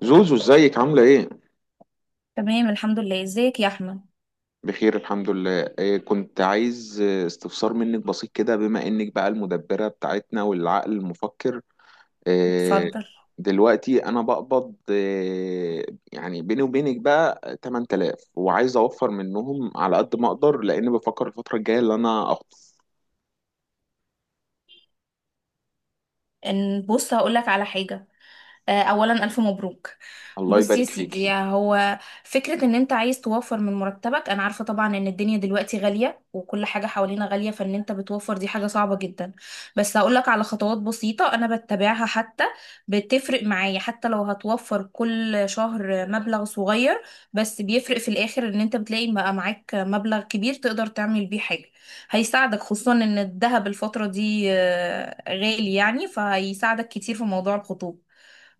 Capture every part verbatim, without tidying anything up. زوزو، ازيك؟ عاملة ايه؟ تمام، الحمد لله. ازيك يا احمد؟ بخير الحمد لله. إيه، كنت عايز آه، استفسار منك بسيط كده، بما انك بقى المدبرة بتاعتنا والعقل المفكر. إيه اتفضل. دلوقتي انا بقبض؟ إيه يعني؟ بيني وبينك بقى تمنتلاف، وعايز اوفر منهم على قد ما اقدر، لان بفكر الفترة الجاية اللي انا اخطب. ان بص هقول لك على حاجه. آه، اولا الف مبروك. الله بص يا يبارك سيدي، فيكي. هو فكرة ان انت عايز توفر من مرتبك. انا عارفة طبعا ان الدنيا دلوقتي غالية وكل حاجة حوالينا غالية، فان انت بتوفر دي حاجة صعبة جدا. بس هقولك على خطوات بسيطة انا بتبعها، حتى بتفرق معايا. حتى لو هتوفر كل شهر مبلغ صغير بس بيفرق في الاخر، ان انت بتلاقي بقى معاك مبلغ كبير تقدر تعمل بيه حاجة. هيساعدك خصوصا ان الذهب الفترة دي آه، غالي يعني، فهيساعدك كتير في موضوع الخطوبة.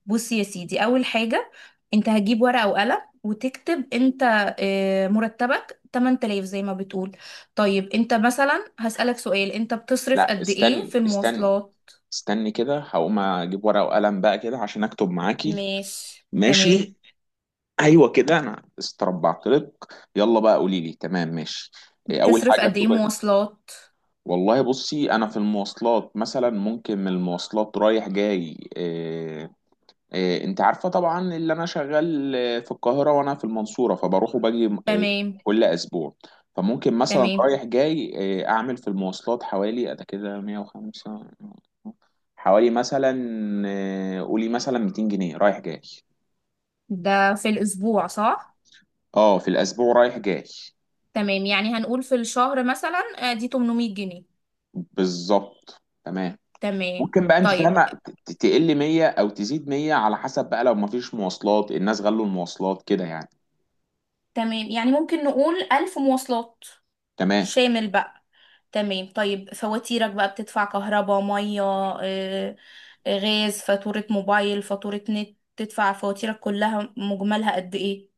بصي يا سيدي، اول حاجه انت هتجيب ورقه وقلم وتكتب انت. آه، مرتبك ثمنتلاف زي ما بتقول. طيب انت مثلا هسألك سؤال: انت بتصرف لا، قد ايه استني، في استني المواصلات؟ استني كده، هقوم اجيب ورقة وقلم بقى كده عشان اكتب معاكي. ماشي تمام. ماشي. ايوه كده، انا استربعت لك. يلا بقى قولي لي. تمام، ماشي. إيه اول بتصرف حاجه قد ايه بتبقى؟ مواصلات؟ والله بصي، انا في المواصلات مثلا، ممكن من المواصلات رايح جاي إيه، إيه، انت عارفه طبعا اللي انا شغال آه، في القاهره وانا في المنصوره، فبروح وباجي آه، تمام. كل اسبوع. فممكن مثلا تمام. رايح جاي إيه اعمل في المواصلات حوالي انا كده مية وخمسة، حوالي مثلا، آه، قولي مثلا ميتين جنيه رايح جاي. ده في الاسبوع صح؟ اه، في الاسبوع رايح جاي. تمام، يعني هنقول في الشهر مثلا آه، دي ثمنمية جنيه. بالظبط، تمام. تمام. ممكن بقى، انت طيب. فاهمه، ت- تقل مية او تزيد مية، على حسب بقى لو مفيش مواصلات، الناس غلوا المواصلات كده يعني. تمام، يعني ممكن نقول ألف مواصلات تمام. شامل بقى. تمام. طيب فواتيرك بقى، بتدفع كهرباء مية، آه، آه، غاز، فاتورة موبايل، فاتورة نت. تدفع فواتيرك كلها مجملها قد ايه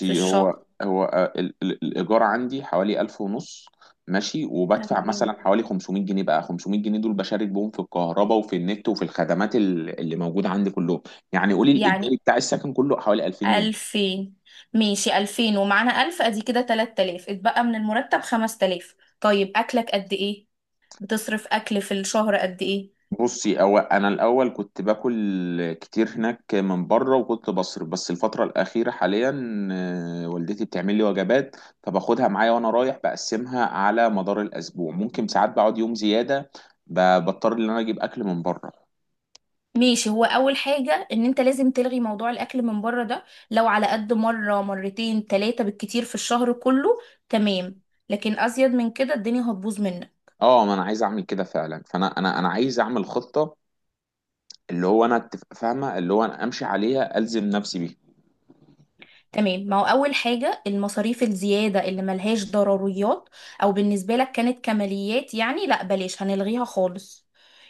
في الشهر؟ هو هو آه، ال- ال- الايجار عندي حوالي ألف ونص. ماشي، وبدفع تمام، مثلا حوالي خمسمية جنيه، بقى خمسمية جنيه دول بشارك بهم في الكهرباء وفي النت وفي الخدمات ال- اللي موجوده عندي كلهم. يعني قولي الايجاري يعني بتاع السكن كله حوالي ألفين جنيه. ألفين. ماشي، ألفين ومعانا ألف أدي كده تلات تلاف، اتبقى من المرتب خمس تلاف. طيب أكلك قد ايه؟ بتصرف أكل في الشهر قد ايه؟ بصي، أو أنا الأول كنت باكل كتير هناك من بره وكنت بصرف، بس الفترة الأخيرة حاليا آه، والدتي بتعمل لي وجبات، فباخدها معايا وأنا رايح بقسمها على مدار الأسبوع. ممكن ساعات بقعد يوم زيادة، ب- بضطر إن أنا أجيب أكل من بره. ماشي، هو اول حاجه ان انت لازم تلغي موضوع الاكل من بره ده، لو على قد مره مرتين تلاتة بالكتير في الشهر كله. تمام. لكن ازيد من كده الدنيا هتبوظ منك. اه، ما انا عايز اعمل كده فعلا، فانا انا انا عايز اعمل خطه، اللي هو انا أتف- فاهمه، اللي هو انا امشي عليها الزم نفسي بيها. تمام، ما هو أول حاجة المصاريف الزيادة اللي ملهاش ضروريات أو بالنسبة لك كانت كماليات يعني، لا بلاش، هنلغيها خالص.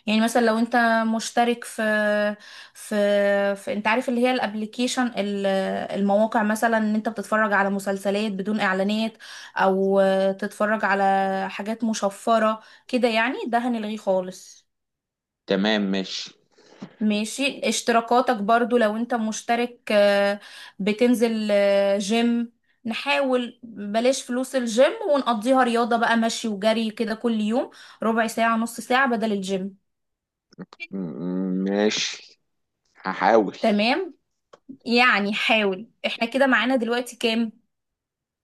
يعني مثلا لو انت مشترك في في, في انت عارف اللي هي الابليكيشن المواقع، مثلا ان انت بتتفرج على مسلسلات بدون اعلانات او تتفرج على حاجات مشفرة كده يعني، ده هنلغيه خالص. تمام، ماشي. ماشي. اشتراكاتك برضو لو انت مشترك آه، بتنزل آه، جيم، نحاول بلاش فلوس الجيم ونقضيها رياضة بقى، مشي وجري كده كل يوم ربع ساعة نص ساعة بدل الجيم. م- م- ماشي، هحاول. تمام، يعني حاول. احنا كده معانا دلوقتي كام؟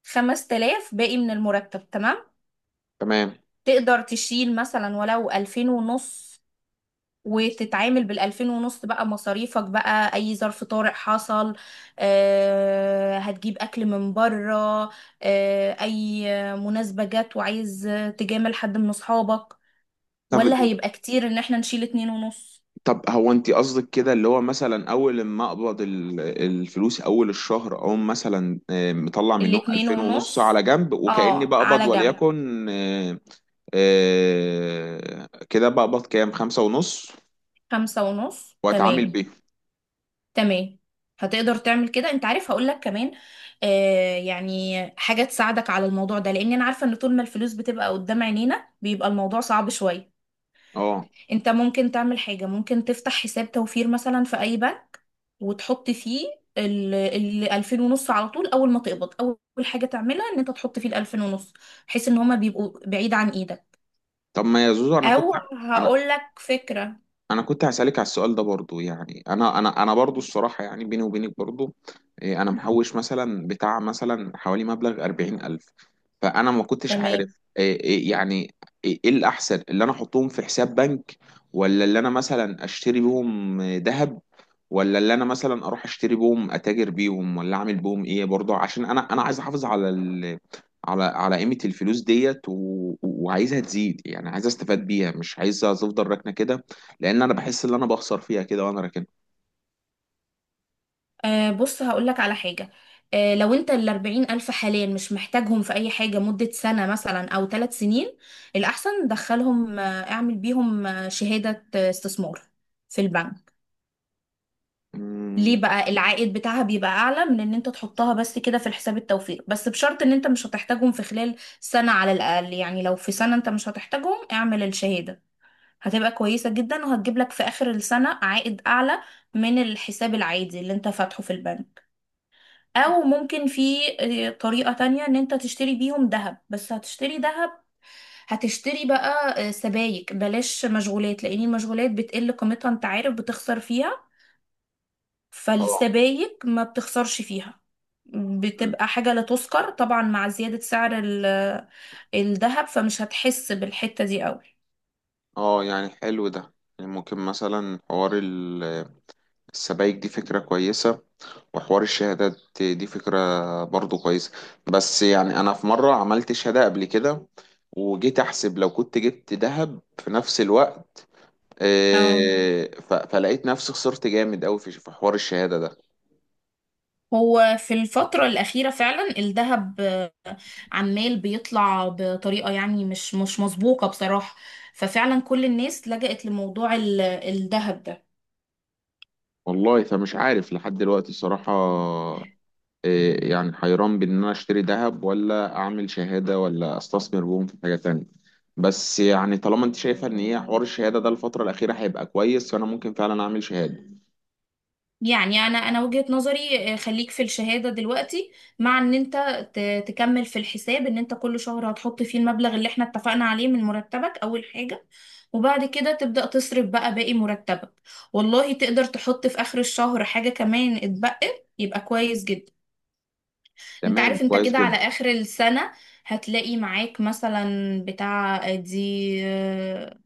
خمس تلاف باقي من المرتب، تمام. تمام. تقدر تشيل مثلا ولو ألفين ونص، وتتعامل بالألفين ونص بقى مصاريفك بقى. أي ظرف طارئ حصل، آه، هتجيب أكل من بره، آه، أي مناسبة جت وعايز تجامل حد من أصحابك. طب، ولا هيبقى كتير إن احنا نشيل اتنين ونص؟ طب هو انت قصدك كده، اللي هو مثلا اول ما اقبض ال- الفلوس اول الشهر، او مثلا، آه، مطلع منهم الاتنين ألفين ونص على ونص، جنب وكأني اه، بقبض، على جنب. وليكن، آه، آه، كده بقبض كام؟ خمسة ونص، خمسة ونص واتعامل تمام. بيه. تمام. هتقدر تعمل كده. انت عارف، هقولك كمان آه يعني حاجة تساعدك على الموضوع ده، لان انا عارفة ان طول ما الفلوس بتبقى قدام عينينا بيبقى الموضوع صعب شوية. اه. انت ممكن تعمل حاجة، ممكن تفتح حساب توفير مثلا في اي بنك وتحط فيه ال ال ألفين ونص على طول. اول ما تقبض اول حاجة تعملها ان انت تحط فيه ال ألفين ونص، بحيث ان هما بيبقوا بعيد عن ايدك. طب ما يا زوزو، انا كنت او انا هقول لك فكرة. انا كنت هسألك على السؤال ده برضو. يعني انا انا انا برضو الصراحة، يعني بيني وبينك برضو، إيه، انا محوش مثلا بتاع مثلا حوالي مبلغ أربعين ألف، فانا ما كنتش تمام. عارف إيه. إيه يعني، ايه إيه الاحسن؟ اللي انا احطهم في حساب بنك؟ ولا اللي انا مثلا اشتري بيهم ذهب؟ ولا اللي انا مثلا اروح اشتري بيهم اتاجر بيهم، ولا اعمل بيهم ايه؟ برضو عشان انا انا عايز احافظ على ال... على على قيمة الفلوس ديت، و... وعايزها تزيد، يعني عايز استفاد بيها، مش عايزها تفضل راكنة كده، لان انا بحس ان انا بخسر فيها كده وانا راكنها. آه بص هقول لك على حاجة. آه لو انت ال أربعين ألف حاليا مش محتاجهم في أي حاجة مدة سنة مثلا أو ثلاث سنين، الأحسن دخلهم، آه اعمل بيهم آه شهادة آه، استثمار في البنك. مم. ليه بقى؟ العائد بتاعها بيبقى اعلى من ان انت تحطها بس كده في الحساب التوفير، بس بشرط ان انت مش هتحتاجهم في خلال سنة على الاقل. يعني لو في سنة انت مش هتحتاجهم اعمل الشهادة، هتبقى كويسة جدا وهتجيب لك في اخر السنة عائد اعلى من الحساب العادي اللي انت فاتحه في البنك. او ممكن في آه، طريقة تانية، ان انت تشتري بيهم ذهب. بس هتشتري ذهب، هتشتري بقى آه، سبايك، بلاش مشغولات، لان المشغولات بتقل قيمتها، انت عارف بتخسر فيها. اه. فالسبايك ما بتخسرش فيها، مم. بتبقى حاجة لا تذكر طبعا مع زيادة سعر ال- الذهب، فمش هتحس بالحتة دي قوي. اه يعني حلو ده. يعني ممكن مثلا حوار ال- السبائك دي فكرة كويسة، وحوار الشهادات دي فكرة برضو كويسة. بس يعني أنا في مرة عملت شهادة قبل كده، وجيت أحسب لو كنت جبت ذهب في نفس الوقت، اه. آه، ف- فلقيت نفسي خسرت جامد أوي في في حوار الشهادة ده. هو في الفترة الأخيرة فعلا الذهب عمال بيطلع بطريقة يعني مش مش مسبوقة بصراحة. ففعلا كل الناس لجأت لموضوع ال- الذهب ده. والله فمش عارف لحد دلوقتي الصراحة إيه. يعني حيران بين ان انا اشتري ذهب، ولا اعمل شهادة، ولا استثمر بهم في حاجة تانية. بس يعني طالما انت شايفة ان هي حوار الشهادة ده الفترة الأخيرة هيبقى كويس، فانا ممكن فعلا اعمل شهادة. يعني انا انا وجهة نظري آه، خليك في الشهادة دلوقتي، مع ان انت ت- تكمل في الحساب ان انت كل شهر هتحط فيه المبلغ اللي احنا اتفقنا عليه من مرتبك اول حاجة، وبعد كده تبدأ تصرف بقى باقي مرتبك. والله تقدر تحط في اخر الشهر حاجة كمان اتبقت يبقى كويس جدا. انت تمام، عارف انت كويس كده على جدا. اخر السنة هتلاقي معاك مثلا بتاع دي آه،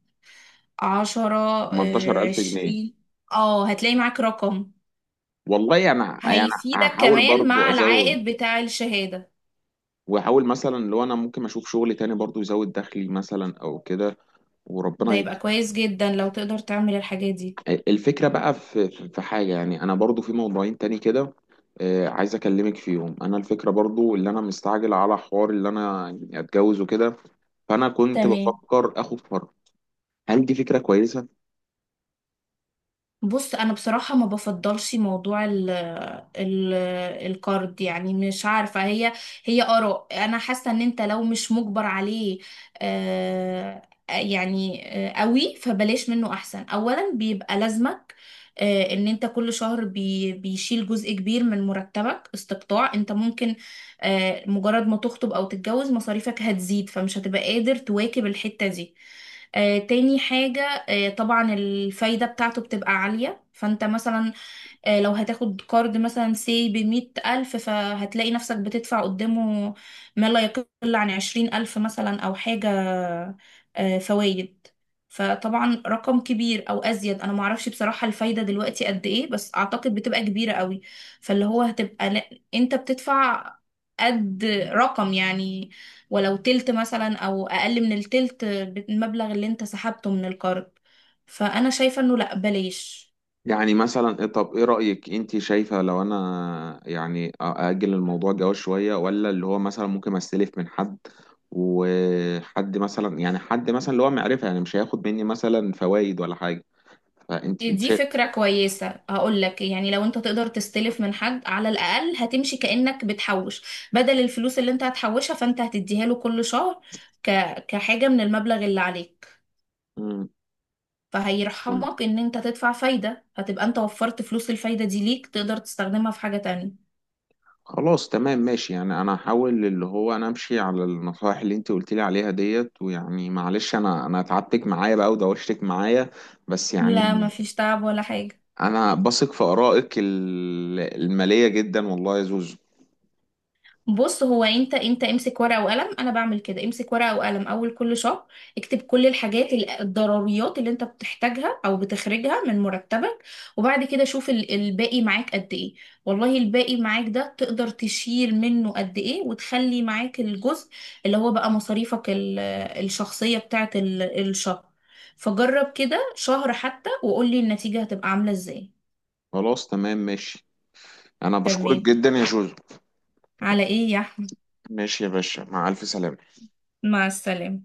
عشرة، آه، تمنتاشر ألف جنيه. عشرين. اه، هتلاقي معاك رقم والله انا يعني هيفيدك هحاول كمان برضو مع ازود، العائد بتاع الشهادة. واحاول مثلا لو انا ممكن اشوف شغل تاني برضو يزود دخلي مثلا او كده، ده وربنا. يبقى كويس جدا لو تقدر تعمل الحاجات دي. الفكرة بقى في في في حاجة، يعني أنا برضو في موضوعين تاني كده، آه، عايز أكلمك فيهم. أنا الفكرة برضو اللي أنا مستعجل على حوار اللي أنا يعني أتجوز وكده، فأنا كنت تمام. بفكر آخد فرع. هل دي فكرة كويسة؟ بص انا بصراحه ما بفضلش موضوع ال ال الكارد، يعني مش عارفه، هي هي اراء. انا حاسه ان انت لو مش مجبر عليه آه يعني آه قوي، فبلاش منه احسن. اولا بيبقى لازمك آه ان انت كل شهر بي بيشيل جزء كبير من مرتبك استقطاع انت ممكن، آه مجرد ما تخطب او تتجوز مصاريفك هتزيد فمش هتبقى قادر تواكب الحته دي. آه، تاني حاجة، آه، طبعا الفايدة بتاعته بتبقى عالية. فانت مثلا آه، لو هتاخد كارد مثلا سي بمية ألف، فهتلاقي نفسك بتدفع قدامه ما لا يقل عن عشرين ألف مثلا أو حاجة فوائد. فطبعا رقم كبير أو أزيد، أنا معرفش بصراحة الفايدة دلوقتي قد إيه، بس أعتقد بتبقى كبيرة قوي. فاللي هو هتبقى لا، أنت بتدفع قد رقم يعني ولو تلت مثلا أو أقل من التلت بالمبلغ اللي أنت سحبته من الكارد. فأنا شايفة إنه لأ، بلاش. يعني مثلا إيه- طب إيه رأيك؟ أنت شايفة لو أنا يعني أ- أأجل الموضوع الجواز شوية، ولا اللي هو مثلا ممكن أستلف من حد، وحد مثلا يعني حد مثلا اللي هو معرفة يعني مش هياخد مني مثلا فوائد ولا حاجة، فأنت دي فكرة كويسة، هقول لك. يعني لو انت تقدر تستلف من حد على الأقل، هتمشي كأنك بتحوش. بدل الفلوس اللي انت هتحوشها، فانت هتديها له كل شهر ك... كحاجة من المبلغ اللي عليك. شايفة. فهيرحمك ان انت تدفع فايدة، هتبقى انت وفرت فلوس الفايدة دي ليك، تقدر تستخدمها في حاجة تانية. خلاص، تمام، ماشي. يعني انا هحاول اللي هو انا امشي على النصائح اللي انت قلت لي عليها ديت، ويعني معلش انا انا تعبتك معايا بقى ودوشتك معايا. بس لا، يعني مفيش تعب ولا حاجة. انا بثق في ارائك ال- المالية جدا والله يا زوزو. بص هو انت، انت امسك ورقه وقلم. انا بعمل كده، امسك ورقه وقلم اول كل شهر، اكتب كل الحاجات ال- الضروريات اللي انت بتحتاجها او بتخرجها من مرتبك، وبعد كده شوف ال- الباقي معاك قد ايه. والله الباقي معاك ده تقدر تشيل منه قد ايه وتخلي معاك الجزء اللي هو بقى مصاريفك ال- الشخصيه بتاعت ال- الشهر. فجرب كده شهر حتى وقولي النتيجه هتبقى عامله ازاي. خلاص تمام ماشي، انا بشكرك تمام. جدا يا زوزو. على ايه يا احمد؟ ماشي يا باشا، مع الف سلامة. مع السلامه.